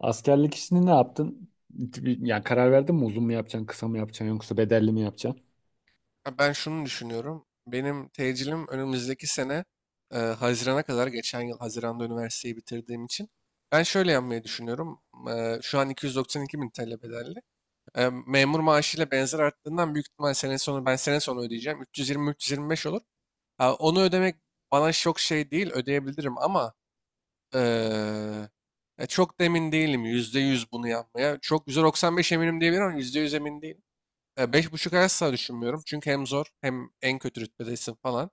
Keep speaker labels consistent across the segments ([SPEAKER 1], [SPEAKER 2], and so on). [SPEAKER 1] Askerlik işini ne yaptın? Yani karar verdin mi, uzun mu yapacaksın, kısa mı yapacaksın yoksa bedelli mi yapacaksın?
[SPEAKER 2] Ha, ben şunu düşünüyorum. Benim tecilim önümüzdeki sene Haziran'a kadar geçen yıl Haziran'da üniversiteyi bitirdiğim için ben şöyle yapmayı düşünüyorum. Şu an 292 bin TL bedelli. Memur maaşıyla benzer arttığından büyük ihtimal sene sonu ben sene sonu ödeyeceğim. 320-325 olur. Ha, onu ödemek bana çok şey değil, ödeyebilirim ama e, çok da emin değilim yüzde yüz bunu yapmaya. Çok %95 eminim diyebilirim ama %100 emin değilim. Beş buçuk asla düşünmüyorum. Çünkü hem zor, hem en kötü rütbedesin falan.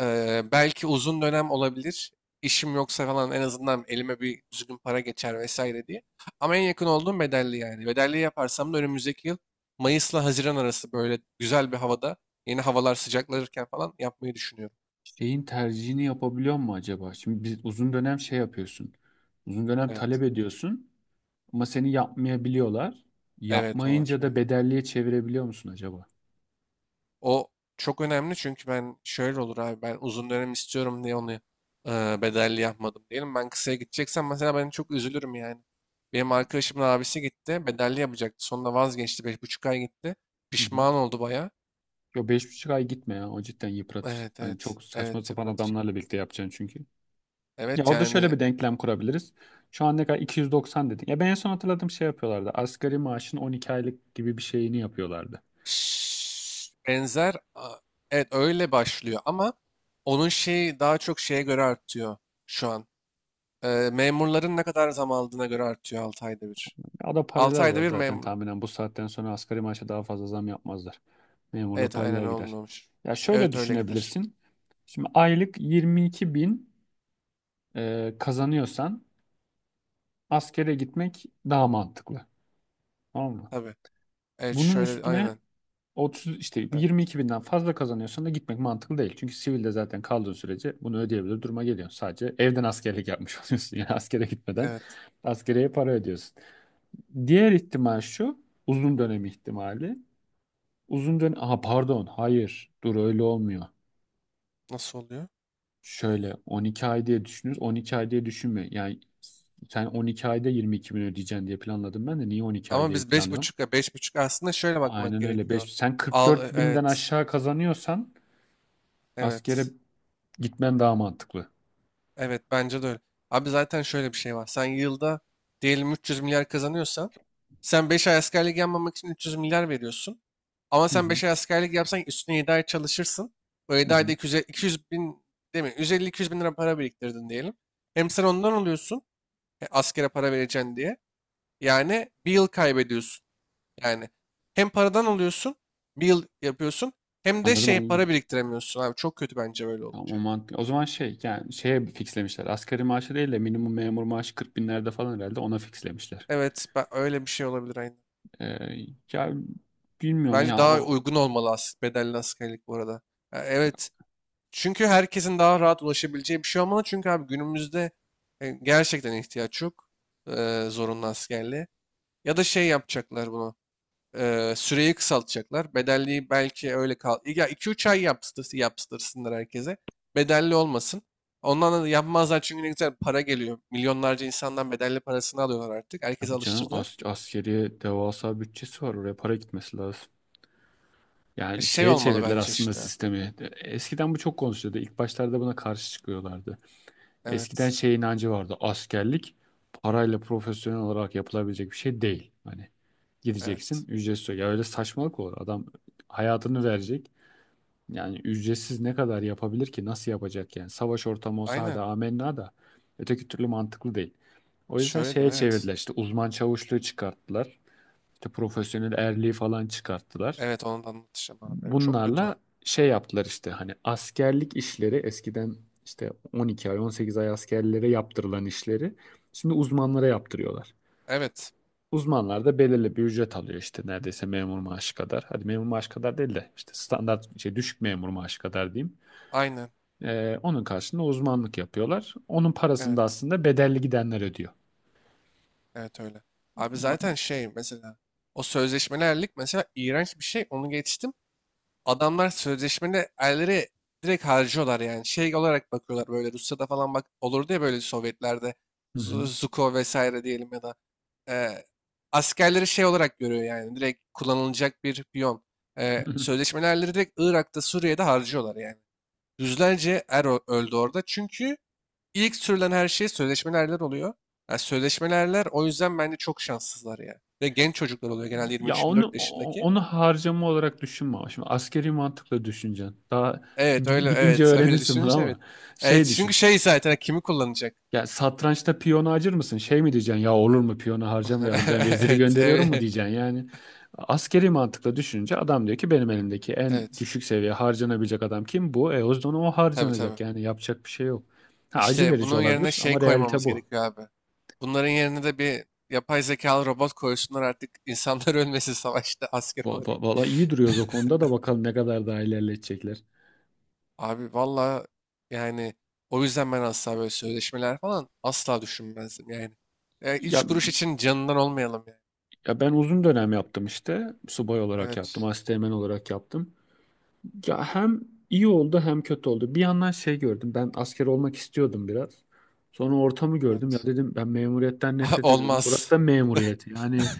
[SPEAKER 2] Belki uzun dönem olabilir. İşim yoksa falan en azından elime bir düzgün para geçer vesaire diye. Ama en yakın olduğum bedelli yani. Bedelli yaparsam da önümüzdeki yıl Mayıs'la Haziran arası böyle güzel bir havada, yeni havalar sıcaklanırken falan yapmayı düşünüyorum.
[SPEAKER 1] Şeyin tercihini yapabiliyor mu acaba? Şimdi biz uzun dönem şey yapıyorsun. Uzun dönem
[SPEAKER 2] Evet.
[SPEAKER 1] talep ediyorsun ama seni yapmayabiliyorlar.
[SPEAKER 2] Evet, o var.
[SPEAKER 1] Yapmayınca da
[SPEAKER 2] Evet.
[SPEAKER 1] bedelliye çevirebiliyor musun acaba?
[SPEAKER 2] O çok önemli, çünkü ben şöyle olur abi, ben uzun dönem istiyorum diye onu bedelli yapmadım diyelim. Ben kısaya gideceksem mesela, ben çok üzülürüm yani. Benim arkadaşımın abisi gitti, bedelli yapacaktı. Sonunda vazgeçti, beş buçuk ay gitti.
[SPEAKER 1] Hı hı.
[SPEAKER 2] Pişman oldu baya.
[SPEAKER 1] Yo, beş buçuk ay gitme ya. O cidden yıpratır.
[SPEAKER 2] Evet
[SPEAKER 1] Hani
[SPEAKER 2] evet
[SPEAKER 1] çok saçma
[SPEAKER 2] evet,
[SPEAKER 1] sapan
[SPEAKER 2] yıpratır.
[SPEAKER 1] adamlarla birlikte yapacaksın çünkü. Ya
[SPEAKER 2] Evet
[SPEAKER 1] orada şöyle
[SPEAKER 2] yani.
[SPEAKER 1] bir denklem kurabiliriz. Şu an ne kadar, 290 dedin. Ya ben en son hatırladığım şey yapıyorlardı. Asgari maaşın 12 aylık gibi bir şeyini yapıyorlardı.
[SPEAKER 2] şş, benzer a- evet, öyle başlıyor ama onun şeyi daha çok şeye göre artıyor şu an. Memurların ne kadar zam aldığına göre artıyor 6 ayda bir.
[SPEAKER 1] Ya o da paralel
[SPEAKER 2] 6 ayda
[SPEAKER 1] alır
[SPEAKER 2] bir
[SPEAKER 1] zaten
[SPEAKER 2] memur.
[SPEAKER 1] tahminen. Bu saatten sonra asgari maaşa daha fazla zam yapmazlar. Memurla
[SPEAKER 2] Evet, aynen
[SPEAKER 1] paralel gider.
[SPEAKER 2] olmuyormuş.
[SPEAKER 1] Ya şöyle
[SPEAKER 2] Evet, öyle gider.
[SPEAKER 1] düşünebilirsin. Şimdi aylık 22 bin kazanıyorsan askere gitmek daha mantıklı. Tamam mı?
[SPEAKER 2] Tabii. Evet,
[SPEAKER 1] Bunun
[SPEAKER 2] şöyle
[SPEAKER 1] üstüne
[SPEAKER 2] aynen.
[SPEAKER 1] 30, işte
[SPEAKER 2] Evet.
[SPEAKER 1] 22 binden fazla kazanıyorsan da gitmek mantıklı değil. Çünkü sivilde zaten kaldığın sürece bunu ödeyebilir duruma geliyorsun. Sadece evden askerlik yapmış oluyorsun. Yani askere gitmeden
[SPEAKER 2] Evet.
[SPEAKER 1] askereye para ödüyorsun. Diğer ihtimal şu: uzun dönem ihtimali. Uzun dönem... Aha, pardon. Hayır. Dur, öyle olmuyor.
[SPEAKER 2] Nasıl oluyor?
[SPEAKER 1] Şöyle 12 ay diye düşünürüz. 12 ay diye düşünme. Yani sen 12 ayda 22 bin ödeyeceksin diye planladım ben de. Niye 12 ay
[SPEAKER 2] Ama
[SPEAKER 1] değil
[SPEAKER 2] biz beş
[SPEAKER 1] planlıyorum?
[SPEAKER 2] buçuk ya, beş buçuk aslında şöyle bakmak
[SPEAKER 1] Aynen öyle.
[SPEAKER 2] gerekiyor.
[SPEAKER 1] 5, sen 44 binden
[SPEAKER 2] Evet.
[SPEAKER 1] aşağı kazanıyorsan askere
[SPEAKER 2] Evet.
[SPEAKER 1] gitmen daha mantıklı.
[SPEAKER 2] Evet, bence de öyle. Abi zaten şöyle bir şey var. Sen yılda diyelim 300 milyar kazanıyorsan, sen 5 ay askerlik yapmamak için 300 milyar veriyorsun. Ama
[SPEAKER 1] Hı
[SPEAKER 2] sen
[SPEAKER 1] hı.
[SPEAKER 2] 5 ay askerlik yapsan üstüne 7 ay çalışırsın. O
[SPEAKER 1] Hı
[SPEAKER 2] yedi ayda
[SPEAKER 1] hı.
[SPEAKER 2] 200, 200 bin, değil mi? 150-200 bin lira para biriktirdin diyelim. Hem sen ondan alıyorsun, askere para vereceksin diye. Yani bir yıl kaybediyorsun. Yani hem paradan alıyorsun, bir yıl yapıyorsun, hem de
[SPEAKER 1] Anladım,
[SPEAKER 2] şey para
[SPEAKER 1] anladım.
[SPEAKER 2] biriktiremiyorsun abi. Çok kötü bence böyle
[SPEAKER 1] Tamam, o
[SPEAKER 2] olunca.
[SPEAKER 1] mantıklı. O zaman şey, yani şeye fixlemişler. Asgari maaşı değil de minimum memur maaşı 40 binlerde falan herhalde, ona fixlemişler.
[SPEAKER 2] Evet, öyle bir şey olabilir aynen.
[SPEAKER 1] Ee, ya bilmiyorum
[SPEAKER 2] Bence
[SPEAKER 1] ya
[SPEAKER 2] daha
[SPEAKER 1] o...
[SPEAKER 2] uygun olmalı bedelli askerlik bu arada. Ya evet. Çünkü herkesin daha rahat ulaşabileceği bir şey olmalı. Çünkü abi günümüzde gerçekten ihtiyaç yok zorunlu askerliğe. Ya da şey yapacaklar bunu. Süreyi kısaltacaklar. Bedelliği belki öyle kal. Ya 2-3 ay yaptırsınlar herkese. Bedelli olmasın. Ondan da yapmazlar çünkü ne güzel para geliyor. Milyonlarca insandan bedelli parasını alıyorlar artık. Herkese
[SPEAKER 1] Tabii canım,
[SPEAKER 2] alıştırdılar.
[SPEAKER 1] as askeriye devasa bütçesi var. Oraya para gitmesi lazım. Yani
[SPEAKER 2] Şey
[SPEAKER 1] şeye
[SPEAKER 2] olmalı
[SPEAKER 1] çevirdiler
[SPEAKER 2] bence
[SPEAKER 1] aslında
[SPEAKER 2] işte.
[SPEAKER 1] sistemi. Eskiden bu çok konuşuluyordu. İlk başlarda buna karşı çıkıyorlardı. Eskiden
[SPEAKER 2] Evet.
[SPEAKER 1] şey inancı vardı. Askerlik parayla profesyonel olarak yapılabilecek bir şey değil. Hani gideceksin,
[SPEAKER 2] Evet.
[SPEAKER 1] ücretsiz. Ya öyle saçmalık olur. Adam hayatını verecek. Yani ücretsiz ne kadar yapabilir ki? Nasıl yapacak yani? Savaş ortamı olsa hadi
[SPEAKER 2] Aynen.
[SPEAKER 1] amenna da öteki türlü mantıklı değil. O yüzden
[SPEAKER 2] Şöyle
[SPEAKER 1] şeye
[SPEAKER 2] diyeyim, evet.
[SPEAKER 1] çevirdiler işte, uzman çavuşluğu çıkarttılar. İşte profesyonel erliği falan çıkarttılar.
[SPEAKER 2] Evet, onu da anlatacağım abi. Evet, çok kötü
[SPEAKER 1] Bunlarla
[SPEAKER 2] o.
[SPEAKER 1] şey yaptılar işte, hani askerlik işleri eskiden işte 12 ay 18 ay askerlere yaptırılan işleri şimdi uzmanlara yaptırıyorlar.
[SPEAKER 2] Evet.
[SPEAKER 1] Uzmanlar da belirli bir ücret alıyor işte, neredeyse memur maaşı kadar. Hadi memur maaşı kadar değil de işte standart şey, düşük memur maaşı kadar diyeyim.
[SPEAKER 2] Aynen.
[SPEAKER 1] Onun karşılığında uzmanlık yapıyorlar. Onun parasını da
[SPEAKER 2] Evet.
[SPEAKER 1] aslında bedelli gidenler ödüyor.
[SPEAKER 2] Evet, öyle. Abi zaten şey mesela, o sözleşmelerlik mesela iğrenç bir şey. Onu geçtim. Adamlar sözleşmeli erleri direkt harcıyorlar yani. Şey olarak bakıyorlar, böyle Rusya'da falan bak olurdu ya, böyle Sovyetlerde
[SPEAKER 1] Hı hı.
[SPEAKER 2] Zuko vesaire diyelim, ya da e, askerleri şey olarak görüyor yani, direkt kullanılacak bir piyon. Sözleşmeli erleri direkt Irak'ta, Suriye'de harcıyorlar yani. Yüzlerce er öldü orada, çünkü ilk sürülen her şey sözleşmeli erler oluyor. Yani sözleşmeli erler o yüzden bence çok şanssızlar ya. Ve genç çocuklar oluyor genelde,
[SPEAKER 1] Ya
[SPEAKER 2] 23-24
[SPEAKER 1] onu
[SPEAKER 2] yaşındaki.
[SPEAKER 1] onu harcama olarak düşünme ama. Şimdi askeri mantıkla düşüneceksin. Daha
[SPEAKER 2] Evet öyle,
[SPEAKER 1] gidince
[SPEAKER 2] evet, öyle
[SPEAKER 1] öğrenirsin bunu,
[SPEAKER 2] düşününce evet.
[SPEAKER 1] ama
[SPEAKER 2] Evet,
[SPEAKER 1] şey
[SPEAKER 2] çünkü
[SPEAKER 1] düşün.
[SPEAKER 2] şey zaten hani, kimi kullanacak?
[SPEAKER 1] Ya satrançta piyonu acır mısın? Şey mi diyeceksin? Ya olur mu, piyonu harcamayalım, ben veziri
[SPEAKER 2] Evet
[SPEAKER 1] gönderiyorum mu
[SPEAKER 2] evet
[SPEAKER 1] diyeceksin yani. Askeri mantıkla düşününce adam diyor ki benim elimdeki en
[SPEAKER 2] evet,
[SPEAKER 1] düşük seviye harcanabilecek adam kim? Bu. E o zaman o
[SPEAKER 2] tabii tabii.
[SPEAKER 1] harcanacak. Yani yapacak bir şey yok. Ha, acı
[SPEAKER 2] İşte
[SPEAKER 1] verici
[SPEAKER 2] bunun yerine
[SPEAKER 1] olabilir
[SPEAKER 2] şey
[SPEAKER 1] ama realite
[SPEAKER 2] koymamız
[SPEAKER 1] bu.
[SPEAKER 2] gerekiyor abi. Bunların yerine de bir yapay zekalı robot koysunlar artık, insanlar ölmesin savaşta asker olarak.
[SPEAKER 1] Valla iyi duruyoruz o konuda da, bakalım ne kadar daha ilerletecekler.
[SPEAKER 2] Abi valla yani, o yüzden ben asla böyle sözleşmeler falan asla düşünmezdim yani.
[SPEAKER 1] Ya
[SPEAKER 2] Üç kuruş için canından olmayalım yani.
[SPEAKER 1] Ya ben uzun dönem yaptım işte. Subay olarak yaptım,
[SPEAKER 2] Evet
[SPEAKER 1] asteğmen olarak yaptım. Ya hem iyi oldu hem kötü oldu. Bir yandan şey gördüm. Ben asker olmak istiyordum biraz. Sonra ortamı gördüm. Ya
[SPEAKER 2] evet.
[SPEAKER 1] dedim, ben memuriyetten nefret ediyordum. Burası
[SPEAKER 2] Olmaz
[SPEAKER 1] da memuriyet. Yani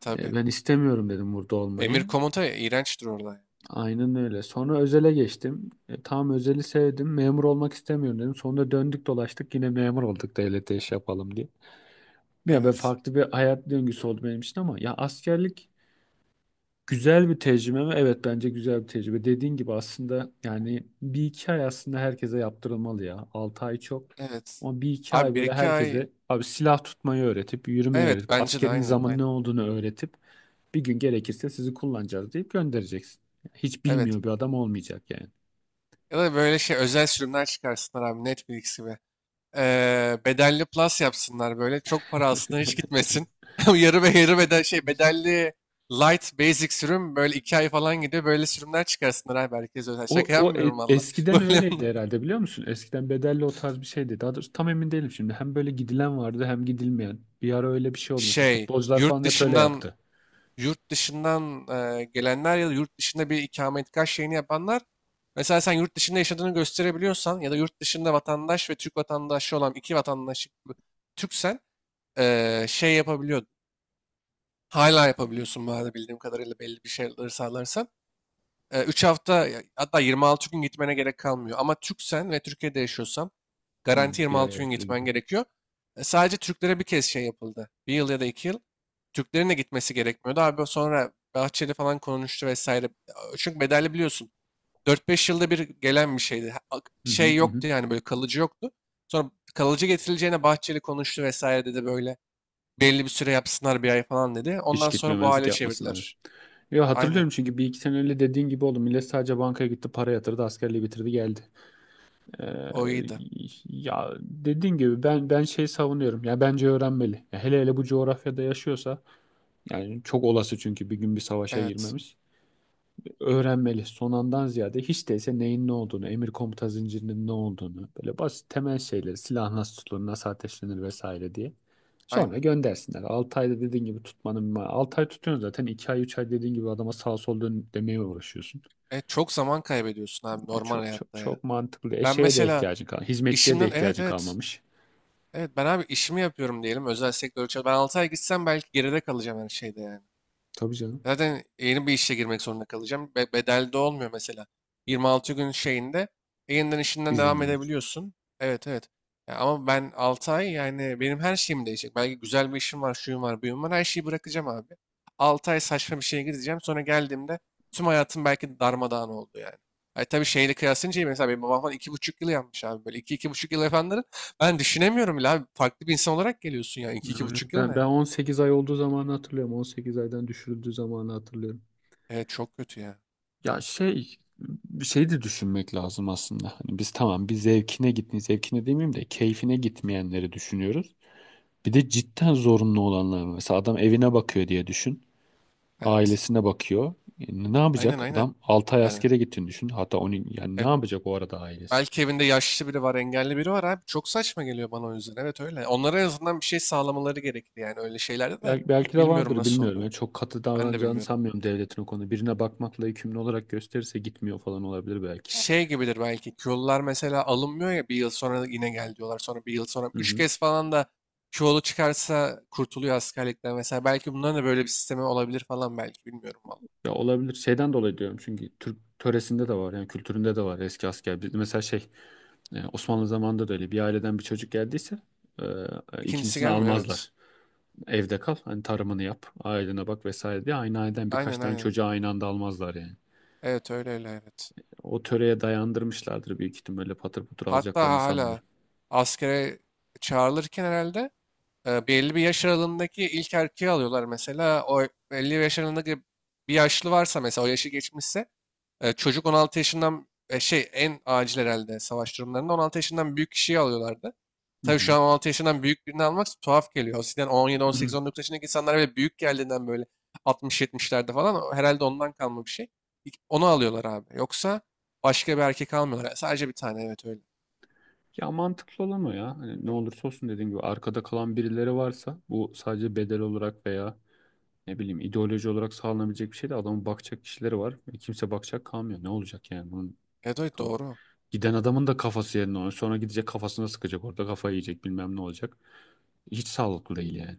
[SPEAKER 2] tabii.
[SPEAKER 1] ben istemiyorum dedim burada
[SPEAKER 2] Emir
[SPEAKER 1] olmayı.
[SPEAKER 2] komuta iğrençtir orada.
[SPEAKER 1] Aynen öyle. Sonra özele geçtim. E, tam özeli sevdim. Memur olmak istemiyorum dedim. Sonra döndük dolaştık yine memur olduk, devlete iş yapalım diye. Ya ben,
[SPEAKER 2] Evet.
[SPEAKER 1] farklı bir hayat döngüsü oldu benim için, ama ya askerlik güzel bir tecrübe mi? Evet, bence güzel bir tecrübe. Dediğin gibi aslında yani bir iki ay aslında herkese yaptırılmalı ya. Altı ay çok.
[SPEAKER 2] Evet.
[SPEAKER 1] Ama bir iki ay
[SPEAKER 2] Abi bir
[SPEAKER 1] böyle
[SPEAKER 2] iki ay,
[SPEAKER 1] herkese, abi, silah tutmayı öğretip, yürümeyi
[SPEAKER 2] evet
[SPEAKER 1] öğretip,
[SPEAKER 2] bence de
[SPEAKER 1] askerin
[SPEAKER 2] aynen
[SPEAKER 1] zaman ne
[SPEAKER 2] aynen.
[SPEAKER 1] olduğunu öğretip bir gün gerekirse sizi kullanacağız deyip göndereceksin. Hiç
[SPEAKER 2] Evet.
[SPEAKER 1] bilmiyor bir adam olmayacak yani.
[SPEAKER 2] Ya da böyle şey özel sürümler çıkarsınlar abi, Netflix gibi. Bedelli plus yapsınlar böyle. Çok para aslında, hiç gitmesin. Yarı ve yarı bedel, şey bedelli light basic sürüm, böyle 2 ay falan gidiyor. Böyle sürümler çıkarsınlar abi, herkes özel.
[SPEAKER 1] O,
[SPEAKER 2] Şaka yapmıyorum valla.
[SPEAKER 1] eskiden
[SPEAKER 2] Böyle
[SPEAKER 1] öyleydi herhalde, biliyor musun? Eskiden bedelli o tarz bir şeydi. Daha doğrusu tam emin değilim şimdi. Hem böyle gidilen vardı hem gidilmeyen. Bir ara öyle bir şey oldu. Mesela
[SPEAKER 2] şey,
[SPEAKER 1] futbolcular falan
[SPEAKER 2] yurt
[SPEAKER 1] hep öyle
[SPEAKER 2] dışından
[SPEAKER 1] yaptı.
[SPEAKER 2] yurt dışından gelenler ya da yurt dışında bir ikametgah şeyini yapanlar, mesela sen yurt dışında yaşadığını gösterebiliyorsan ya da yurt dışında vatandaş ve Türk vatandaşı olan, iki vatandaşlık Türksen şey yapabiliyordun. Hala yapabiliyorsun bu arada, bildiğim kadarıyla belli bir şeyleri sağlarsan. 3 hafta hatta 26 gün gitmene gerek kalmıyor. Ama Türksen ve Türkiye'de yaşıyorsan
[SPEAKER 1] Hı,
[SPEAKER 2] garanti
[SPEAKER 1] bir ay
[SPEAKER 2] 26 gün
[SPEAKER 1] ertele
[SPEAKER 2] gitmen
[SPEAKER 1] gidiyor.
[SPEAKER 2] gerekiyor. Sadece Türklere bir kez şey yapıldı, bir yıl ya da iki yıl. Türklerin de gitmesi gerekmiyordu. Abi sonra Bahçeli falan konuştu vesaire. Çünkü bedelli biliyorsun, dört beş yılda bir gelen bir şeydi.
[SPEAKER 1] Hı hı
[SPEAKER 2] Şey
[SPEAKER 1] hı. Hı.
[SPEAKER 2] yoktu yani, böyle kalıcı yoktu. Sonra kalıcı getirileceğine Bahçeli konuştu vesaire, dedi böyle. Belli bir süre yapsınlar, bir ay falan dedi.
[SPEAKER 1] Hiç
[SPEAKER 2] Ondan sonra bu
[SPEAKER 1] gitmemezlik
[SPEAKER 2] hale
[SPEAKER 1] yapmasınlar.
[SPEAKER 2] çevirdiler.
[SPEAKER 1] Ya
[SPEAKER 2] Aynen.
[SPEAKER 1] hatırlıyorum çünkü bir iki sene öyle dediğin gibi oldu. Millet sadece bankaya gitti, para yatırdı, askerliği bitirdi, geldi.
[SPEAKER 2] O
[SPEAKER 1] Ee,
[SPEAKER 2] iyiydi.
[SPEAKER 1] ya dediğin gibi ben şey savunuyorum. Ya bence öğrenmeli. Ya hele hele bu coğrafyada yaşıyorsa, yani çok olası çünkü bir gün bir savaşa
[SPEAKER 2] Evet.
[SPEAKER 1] girmemiz. Öğrenmeli. Son andan ziyade hiç değilse neyin ne olduğunu, emir komuta zincirinin ne olduğunu, böyle basit temel şeyleri, silah nasıl tutulur, nasıl ateşlenir vesaire diye. Sonra
[SPEAKER 2] Aynen.
[SPEAKER 1] göndersinler. 6 ayda dediğin gibi tutmanın, 6 ay tutuyorsun zaten, 2 ay 3 ay dediğin gibi adama sağ sol dön demeye uğraşıyorsun.
[SPEAKER 2] Çok zaman kaybediyorsun abi,
[SPEAKER 1] Yani
[SPEAKER 2] normal
[SPEAKER 1] çok çok
[SPEAKER 2] hayatta ya.
[SPEAKER 1] çok mantıklı.
[SPEAKER 2] Ben
[SPEAKER 1] Eşeğe de
[SPEAKER 2] mesela
[SPEAKER 1] ihtiyacın kal, hizmetçiye de
[SPEAKER 2] işimden, evet
[SPEAKER 1] ihtiyacın
[SPEAKER 2] evet.
[SPEAKER 1] kalmamış.
[SPEAKER 2] Evet ben abi, işimi yapıyorum diyelim özel sektör için. Ben 6 ay gitsem belki geride kalacağım her şeyde yani.
[SPEAKER 1] Tabii canım.
[SPEAKER 2] Zaten yeni bir işe girmek zorunda kalacağım. Bedelde olmuyor mesela. 26 gün şeyinde yeniden işinden devam
[SPEAKER 1] İzninden geç.
[SPEAKER 2] edebiliyorsun. Evet evet. Ya ama ben 6 ay, yani benim her şeyim değişecek. Belki güzel bir işim var, şuyum var, buyum var. Her şeyi bırakacağım abi. 6 ay saçma bir şeye gideceğim. Sonra geldiğimde tüm hayatım belki darmadağın oldu yani. Ay tabii şeyle kıyaslayınca iyi. Mesela benim babam falan iki buçuk yıl yapmış abi. Böyle iki buçuk yıl yapanları ben düşünemiyorum bile abi. Farklı bir insan olarak geliyorsun ya. İki iki
[SPEAKER 1] Öyle.
[SPEAKER 2] buçuk yıl
[SPEAKER 1] Ben
[SPEAKER 2] ne?
[SPEAKER 1] 18 ay olduğu zamanı hatırlıyorum. 18 aydan düşürüldüğü zamanı hatırlıyorum.
[SPEAKER 2] Evet, çok kötü ya.
[SPEAKER 1] Ya şey, bir şey de düşünmek lazım aslında. Hani biz tamam, bir zevkine gitmeyi, zevkine demeyeyim de keyfine gitmeyenleri düşünüyoruz. Bir de cidden zorunlu olanlar var. Mesela adam evine bakıyor diye düşün.
[SPEAKER 2] Evet.
[SPEAKER 1] Ailesine bakıyor. E, ne
[SPEAKER 2] Aynen
[SPEAKER 1] yapacak?
[SPEAKER 2] aynen.
[SPEAKER 1] Adam 6 ay
[SPEAKER 2] Yani,
[SPEAKER 1] askere gittiğini düşün. Hatta onu, yani ne
[SPEAKER 2] evet.
[SPEAKER 1] yapacak o arada ailesi?
[SPEAKER 2] Belki evinde yaşlı biri var, engelli biri var abi. Çok saçma geliyor bana o yüzden. Evet öyle. Onlara en azından bir şey sağlamaları gerekir yani, öyle şeylerde de.
[SPEAKER 1] Belki, belki de
[SPEAKER 2] Bilmiyorum
[SPEAKER 1] vardır,
[SPEAKER 2] nasıl
[SPEAKER 1] bilmiyorum. Yani
[SPEAKER 2] oluyor.
[SPEAKER 1] çok katı
[SPEAKER 2] Ben de
[SPEAKER 1] davranacağını
[SPEAKER 2] bilmiyorum.
[SPEAKER 1] sanmıyorum devletin o konuda. Birine bakmakla yükümlü olarak gösterirse gitmiyor falan olabilir belki.
[SPEAKER 2] Şey gibidir belki. Kyolular mesela alınmıyor ya, bir yıl sonra yine gel diyorlar. Sonra bir yıl sonra. Üç kez falan da Kyolu çıkarsa kurtuluyor askerlikten mesela. Belki bunların da böyle bir sistemi olabilir falan belki. Bilmiyorum vallahi.
[SPEAKER 1] Ya olabilir. Şeyden dolayı diyorum çünkü Türk töresinde de var yani, kültüründe de var eski asker. Mesela şey, Osmanlı zamanında da öyle bir aileden bir çocuk geldiyse e,
[SPEAKER 2] İkincisi
[SPEAKER 1] ikincisini
[SPEAKER 2] gelmiyor, evet.
[SPEAKER 1] almazlar. Evde kal, hani tarımını yap, ailene bak vesaire diye, aynı aileden birkaç
[SPEAKER 2] Aynen
[SPEAKER 1] tane
[SPEAKER 2] aynen.
[SPEAKER 1] çocuğu aynı anda almazlar yani.
[SPEAKER 2] Evet öyle öyle, evet.
[SPEAKER 1] O töreye dayandırmışlardır büyük ihtimalle, öyle patır patır
[SPEAKER 2] Hatta
[SPEAKER 1] alacaklarını
[SPEAKER 2] hala
[SPEAKER 1] sanmıyorum.
[SPEAKER 2] askere çağrılırken herhalde belli bir yaş aralığındaki ilk erkeği alıyorlar mesela. O 50 yaş aralığındaki bir yaşlı varsa mesela, o yaşı geçmişse, çocuk 16 yaşından, şey, en acil herhalde savaş durumlarında 16 yaşından büyük kişiyi alıyorlardı.
[SPEAKER 1] Hı
[SPEAKER 2] Tabii şu
[SPEAKER 1] hı.
[SPEAKER 2] an 16 yaşından büyük birini almak tuhaf geliyor. Eskiden on yedi on
[SPEAKER 1] Hı
[SPEAKER 2] sekiz
[SPEAKER 1] hı.
[SPEAKER 2] on dokuz yaşındaki insanlar böyle büyük geldiğinden, böyle altmış 70'lerde falan, o herhalde ondan kalma bir şey. İlk onu alıyorlar abi. Yoksa başka bir erkek almıyorlar. Sadece bir tane, evet öyle.
[SPEAKER 1] Ya mantıklı olan o ya. Hani ne olursa olsun, dediğim gibi, arkada kalan birileri varsa, bu sadece bedel olarak veya ne bileyim ideoloji olarak sağlanabilecek bir şey de, adamın bakacak kişileri var ve kimse bakacak kalmıyor. Ne olacak yani bunun
[SPEAKER 2] Evet, evet
[SPEAKER 1] ka-
[SPEAKER 2] doğru.
[SPEAKER 1] giden adamın da kafası yerine oynuyor. Sonra gidecek, kafasına sıkacak orada, kafayı yiyecek bilmem ne olacak. Hiç sağlıklı değil yani.